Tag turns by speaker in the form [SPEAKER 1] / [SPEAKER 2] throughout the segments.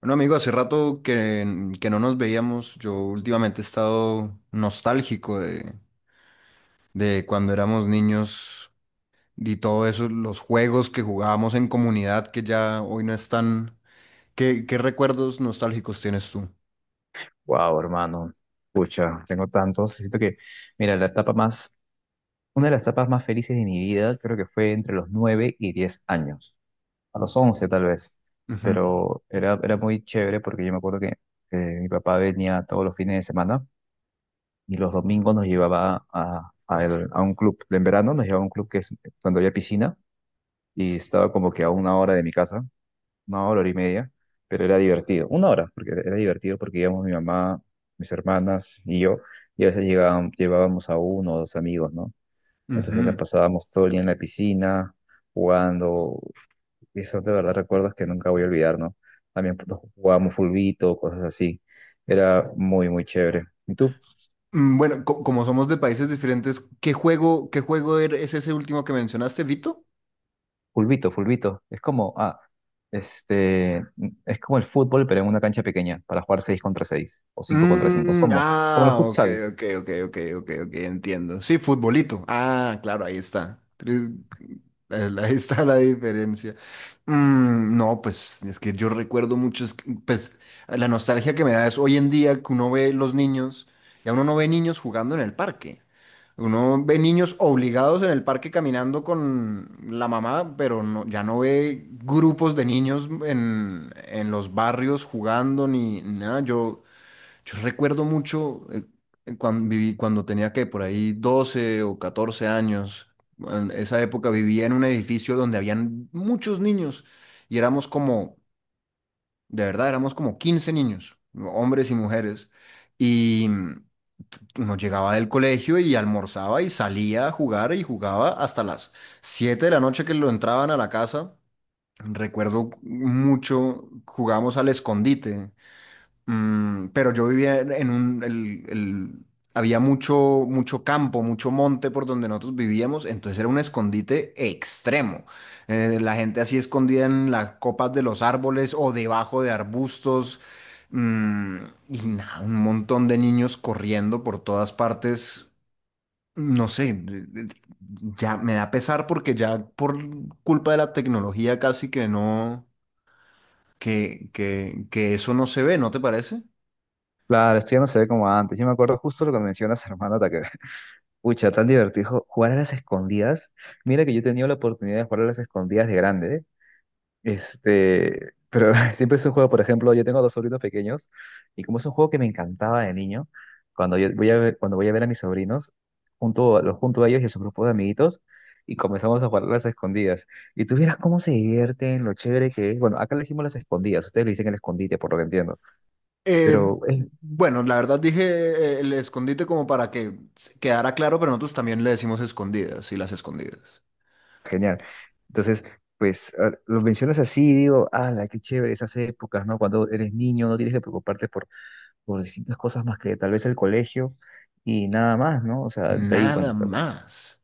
[SPEAKER 1] Bueno, amigo, hace rato que no nos veíamos. Yo últimamente he estado nostálgico de cuando éramos niños y todo eso, los juegos que jugábamos en comunidad que ya hoy no están. ¿Qué recuerdos nostálgicos tienes tú?
[SPEAKER 2] Wow, hermano. Pucha, tengo tantos. Siento que, mira, una de las etapas más felices de mi vida, creo que fue entre los 9 y 10 años, a los 11 tal vez,
[SPEAKER 1] Ujú,
[SPEAKER 2] pero era muy chévere porque yo me acuerdo que mi papá venía todos los fines de semana y los domingos nos llevaba a un club. En verano nos llevaba a un club que es cuando había piscina y estaba como que a una hora de mi casa una hora, hora y media, pero era divertido. Una hora, porque era divertido porque íbamos mi mamá, mis hermanas y yo, y a veces llevábamos a uno o dos amigos, ¿no? Entonces la
[SPEAKER 1] ujú.
[SPEAKER 2] pasábamos todo el día en la piscina, jugando, y son de verdad recuerdos que nunca voy a olvidar, ¿no? También pues, jugábamos fulbito, cosas así. Era muy, muy chévere. ¿Y tú?
[SPEAKER 1] Bueno, como somos de países diferentes, ¿qué juego es ese último que mencionaste, Vito?
[SPEAKER 2] Fulbito, fulbito. Es como, ah, este, es como el fútbol, pero en una cancha pequeña, para jugar 6 contra 6 o 5 contra 5.
[SPEAKER 1] Mm,
[SPEAKER 2] ¿Cómo? Como el
[SPEAKER 1] ah, ok,
[SPEAKER 2] futsal.
[SPEAKER 1] ok, ok, ok, ok, ok, entiendo. Sí, futbolito. Ah, claro, ahí está. Ahí está la diferencia. No, pues es que yo recuerdo muchos, pues la nostalgia que me da es hoy en día que uno ve los niños, ya uno no ve niños jugando en el parque, uno ve niños obligados en el parque caminando con la mamá, pero no, ya no ve grupos de niños en los barrios jugando ni nada. Yo recuerdo mucho cuando viví, cuando tenía que por ahí 12 o 14 años. En esa época vivía en un edificio donde habían muchos niños y éramos como, de verdad, éramos como 15 niños, hombres y mujeres. Y uno llegaba del colegio y almorzaba y salía a jugar y jugaba hasta las 7 de la noche que lo entraban a la casa. Recuerdo mucho, jugamos al escondite. Pero yo vivía en un, había mucho, mucho campo, mucho monte por donde nosotros vivíamos, entonces era un escondite extremo. La gente así escondida en las copas de los árboles o debajo de arbustos. mm, y nada, un montón de niños corriendo por todas partes. No sé, ya me da pesar porque ya por culpa de la tecnología casi que no, que eso no se ve, ¿no te parece?
[SPEAKER 2] Claro, esto ya no se ve como antes. Yo me acuerdo justo lo que mencionas, hermano, hasta que, pucha, tan divertido jugar a las escondidas. Mira que yo he tenido la oportunidad de jugar a las escondidas de grande, ¿eh? Este, pero siempre es un juego, por ejemplo, yo tengo dos sobrinos pequeños y como es un juego que me encantaba de niño, cuando yo voy a ver, cuando voy a ver a mis sobrinos, junto, los junto a ellos y a su grupo de amiguitos y comenzamos a jugar a las escondidas. Y tú vieras cómo se divierten, lo chévere que es. Bueno, acá le decimos las escondidas, ustedes le dicen el escondite, por lo que entiendo.
[SPEAKER 1] Eh,
[SPEAKER 2] Pero es
[SPEAKER 1] bueno, la verdad dije el escondite como para que se quedara claro, pero nosotros también le decimos escondidas y las escondidas.
[SPEAKER 2] genial. Entonces, pues lo mencionas así y digo, ala, qué chévere esas épocas, ¿no? Cuando eres niño no tienes que preocuparte por distintas cosas más que tal vez el colegio y nada más, ¿no? O sea, de ahí,
[SPEAKER 1] Nada
[SPEAKER 2] bueno,
[SPEAKER 1] más.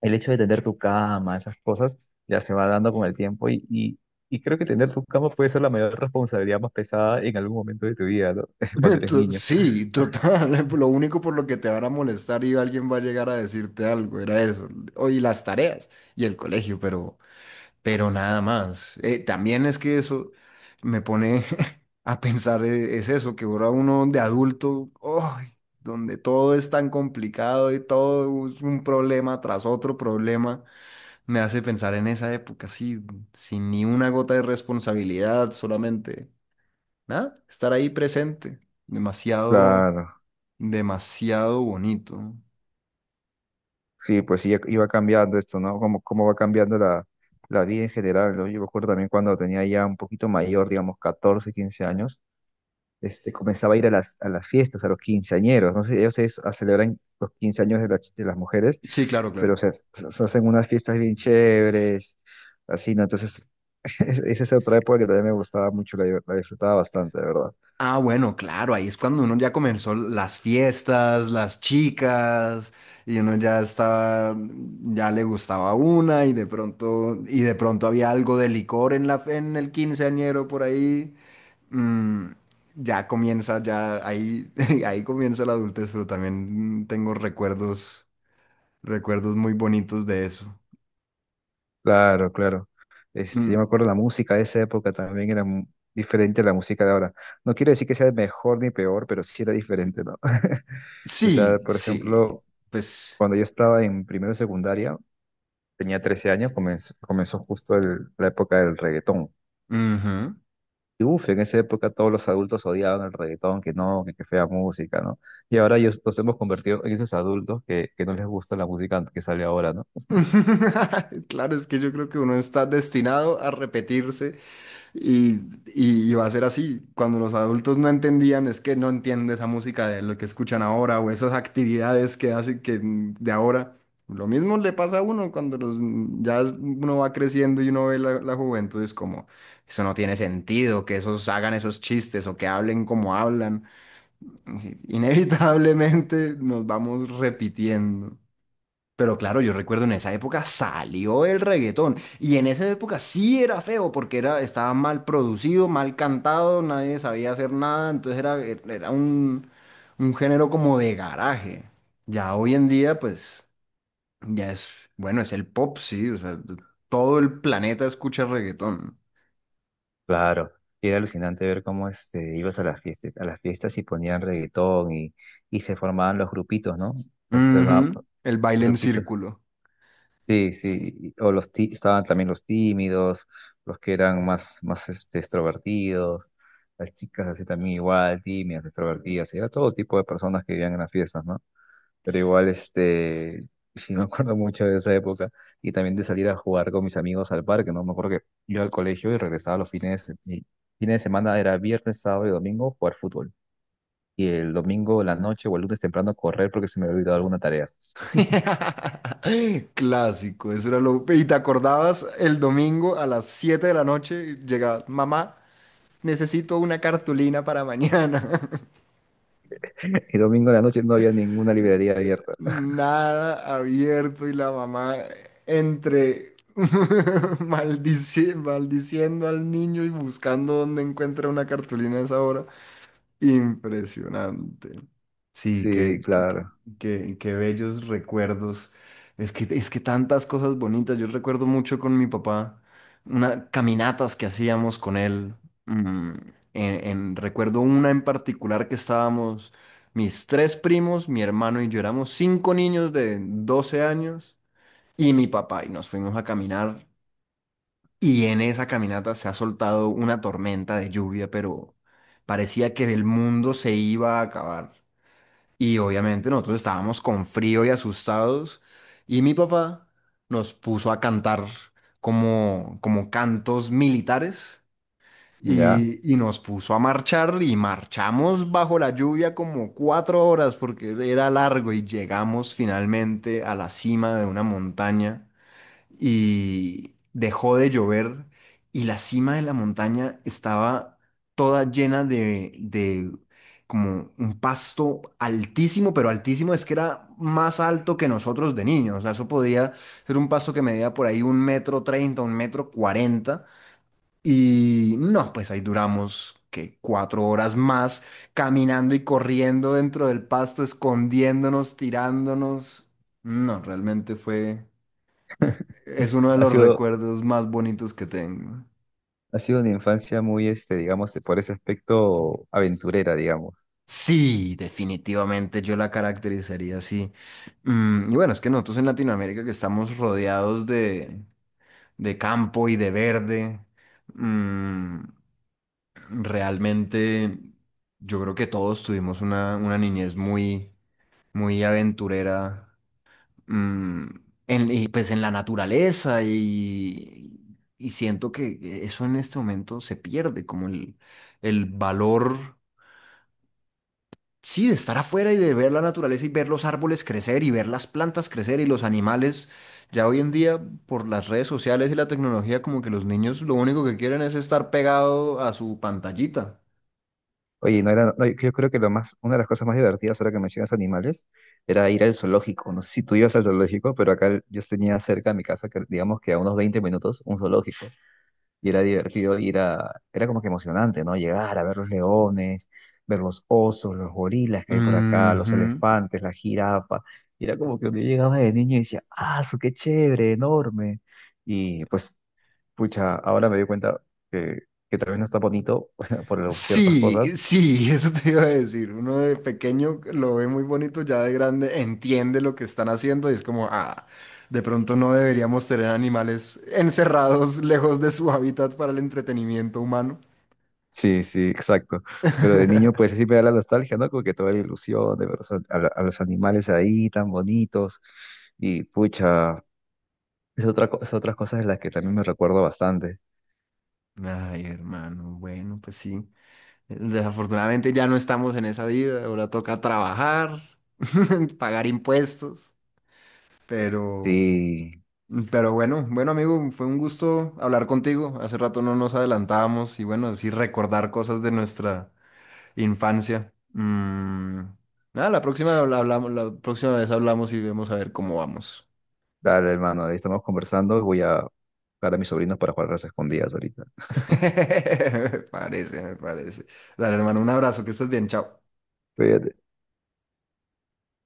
[SPEAKER 2] el hecho de tener tu cama, esas cosas, ya se va dando con el tiempo y creo que tener tu cama puede ser la mayor responsabilidad más pesada en algún momento de tu vida, ¿no? Cuando eres niño.
[SPEAKER 1] Sí, total. Lo único por lo que te van a molestar y alguien va a llegar a decirte algo, era eso. Oye, las tareas y el colegio, pero nada más. También es que eso me pone a pensar, es eso, que ahora uno de adulto, ¡ay!, donde todo es tan complicado y todo es un problema tras otro problema, me hace pensar en esa época, así, sin ni una gota de responsabilidad, solamente, nada, estar ahí presente, demasiado,
[SPEAKER 2] Claro.
[SPEAKER 1] demasiado bonito.
[SPEAKER 2] Sí, pues sí, iba cambiando esto, ¿no? Cómo, cómo va cambiando la, la vida en general, ¿no? Yo me acuerdo también cuando tenía ya un poquito mayor, digamos, 14 15 años, este, comenzaba a ir a las fiestas, a los quinceañeros, no sé, ellos es, a celebran los 15 años de, de las mujeres,
[SPEAKER 1] Sí, claro,
[SPEAKER 2] pero o
[SPEAKER 1] claro.
[SPEAKER 2] sea, se hacen unas fiestas bien chéveres, así, ¿no? Entonces, esa es otra época que también me gustaba mucho, la disfrutaba bastante, de verdad.
[SPEAKER 1] Ah, bueno, claro, ahí es cuando uno ya comenzó las fiestas, las chicas, y uno ya estaba, ya le gustaba una, y de pronto había algo de licor en la, en el quinceañero por ahí. Mm, ya comienza, ya ahí, ahí comienza la adultez, pero también tengo recuerdos, recuerdos muy bonitos de eso.
[SPEAKER 2] Claro, claro. Este, yo me
[SPEAKER 1] Mm,
[SPEAKER 2] acuerdo la música de esa época también era diferente a la música de ahora. No quiero decir que sea mejor ni peor, pero sí era diferente, ¿no? O sea,
[SPEAKER 1] sí,
[SPEAKER 2] por
[SPEAKER 1] sí,
[SPEAKER 2] ejemplo,
[SPEAKER 1] pues,
[SPEAKER 2] cuando yo estaba en primero de secundaria, tenía 13 años, comenzó justo la época del reggaetón.
[SPEAKER 1] ujú.
[SPEAKER 2] Y uf, en esa época todos los adultos odiaban el reggaetón, que no, que fea música, ¿no? Y ahora ellos nos hemos convertido en esos adultos que no les gusta la música que sale ahora, ¿no?
[SPEAKER 1] Claro, es que yo creo que uno está destinado a repetirse y, y va a ser así. Cuando los adultos no entendían, es que no entiende esa música de lo que escuchan ahora o esas actividades que hacen que de ahora. Lo mismo le pasa a uno cuando los, mm, ya es- uno va creciendo y uno ve la juventud, es como, eso no tiene sentido, que esos hagan esos chistes o que hablen como hablan. Inevitablemente nos vamos repitiendo. Pero claro, yo recuerdo en esa época salió el reggaetón y en esa época sí era feo porque era, estaba mal producido, mal cantado, nadie sabía hacer nada, entonces era un género como de garaje. Ya hoy en día pues ya es, bueno, es el pop, sí, o sea, todo el planeta escucha reggaetón.
[SPEAKER 2] Claro, y era alucinante ver cómo este, ibas a las fiestas y ponían reggaetón y se formaban los grupitos, ¿no? Se formaban
[SPEAKER 1] Ujú, el baile en
[SPEAKER 2] grupitos.
[SPEAKER 1] círculo.
[SPEAKER 2] Sí, sí, o estaban también los tímidos, los que eran más, más este, extrovertidos, las chicas así también igual, tímidas, extrovertidas, y era todo tipo de personas que vivían en las fiestas, ¿no? Pero igual, este, sí me acuerdo mucho de esa época y también de salir a jugar con mis amigos al parque, ¿no? Me acuerdo que iba al colegio y regresaba los fines, de se- y fines de semana era viernes, sábado y domingo jugar fútbol. Y el domingo en la noche o el lunes temprano correr porque se me había olvidado alguna tarea.
[SPEAKER 1] Clásico, eso era lo... Y te acordabas el domingo a las 7 de la noche, llegaba mamá. Necesito una cartulina para mañana.
[SPEAKER 2] Y domingo en la noche no había ninguna librería abierta.
[SPEAKER 1] Nada abierto y la mamá entre maldiciendo al niño y buscando dónde encuentra una cartulina a esa hora. Impresionante. Sí,
[SPEAKER 2] Sí, claro.
[SPEAKER 1] qué bellos recuerdos. Es que tantas cosas bonitas. Yo recuerdo mucho con mi papá, unas caminatas que hacíamos con él. mm, recuerdo una en particular que estábamos, mis tres primos, mi hermano y yo éramos cinco niños de 12 años y mi papá y nos fuimos a caminar, y en esa caminata se ha soltado una tormenta de lluvia, pero parecía que el mundo se iba a acabar. Y obviamente nosotros estábamos con frío y asustados, y mi papá nos puso a cantar como, como cantos militares
[SPEAKER 2] Ya.
[SPEAKER 1] y nos puso a marchar y marchamos bajo la lluvia como 4 horas, porque era largo, y llegamos finalmente a la cima de una montaña, y dejó de llover, y la cima de la montaña estaba toda llena de como un pasto altísimo, pero altísimo, es que era más alto que nosotros de niños. O sea, eso podía ser un pasto que medía por ahí un metro treinta, un metro cuarenta. Y no, pues ahí duramos que 4 horas más caminando y corriendo dentro del pasto, escondiéndonos, tirándonos. No, realmente fue es uno de
[SPEAKER 2] Ha
[SPEAKER 1] los
[SPEAKER 2] sido,
[SPEAKER 1] recuerdos más bonitos que tengo.
[SPEAKER 2] ha sido una infancia muy, este, digamos, por ese aspecto aventurera, digamos.
[SPEAKER 1] Sí, definitivamente yo la caracterizaría así. Y bueno, es que nosotros en Latinoamérica que estamos rodeados de campo y de verde, mm, realmente yo creo que todos tuvimos una niñez muy, muy aventurera. mm, y pues en la naturaleza y siento que eso en este momento se pierde, como el valor, sí, de estar afuera y de ver la naturaleza y ver los árboles crecer y ver las plantas crecer y los animales. Ya hoy en día, por las redes sociales y la tecnología, como que los niños lo único que quieren es estar pegado a su pantallita.
[SPEAKER 2] Oye, no, yo creo que lo más, una de las cosas más divertidas ahora que mencionas animales era ir al zoológico. No sé si tú ibas al zoológico, pero acá yo tenía cerca de mi casa, que digamos que a unos 20 minutos, un zoológico. Y era divertido era como que emocionante, ¿no? Llegar a ver los leones, ver los osos, los gorilas que hay por acá, los
[SPEAKER 1] Ujú.
[SPEAKER 2] elefantes, la jirafa. Y era como que yo llegaba de niño y decía, ¡ah, su qué chévere, enorme! Y pues, pucha, ahora me doy cuenta que, que tal vez no está bonito por ciertas cosas.
[SPEAKER 1] Sí, sí, eso te iba a decir. Uno de pequeño lo ve muy bonito, ya de grande entiende lo que están haciendo y es como, ah, de pronto no deberíamos tener animales encerrados lejos de su hábitat para el entretenimiento humano.
[SPEAKER 2] Sí, sí, exacto. Pero de niño, pues sí me da la nostalgia, ¿no? Como que toda la ilusión de ver los an- a, la- a los animales ahí tan bonitos. Y pucha, es otras cosas de las que también me recuerdo bastante.
[SPEAKER 1] Ay, hermano, bueno, pues sí. Desafortunadamente ya no estamos en esa vida, ahora toca trabajar, pagar impuestos, pero...
[SPEAKER 2] Sí,
[SPEAKER 1] Pero bueno, bueno amigo, fue un gusto hablar contigo. Hace rato no nos adelantábamos y bueno, así recordar cosas de nuestra infancia. Mm, nada, la próxima habla- hablamos, la próxima vez hablamos y vemos a ver cómo vamos.
[SPEAKER 2] dale, hermano, ahí estamos conversando. Voy a buscar a mis sobrinos para jugar a las escondidas ahorita.
[SPEAKER 1] Me parece, me parece. Dale, hermano, un abrazo, que estés bien, chao.
[SPEAKER 2] Cuídate.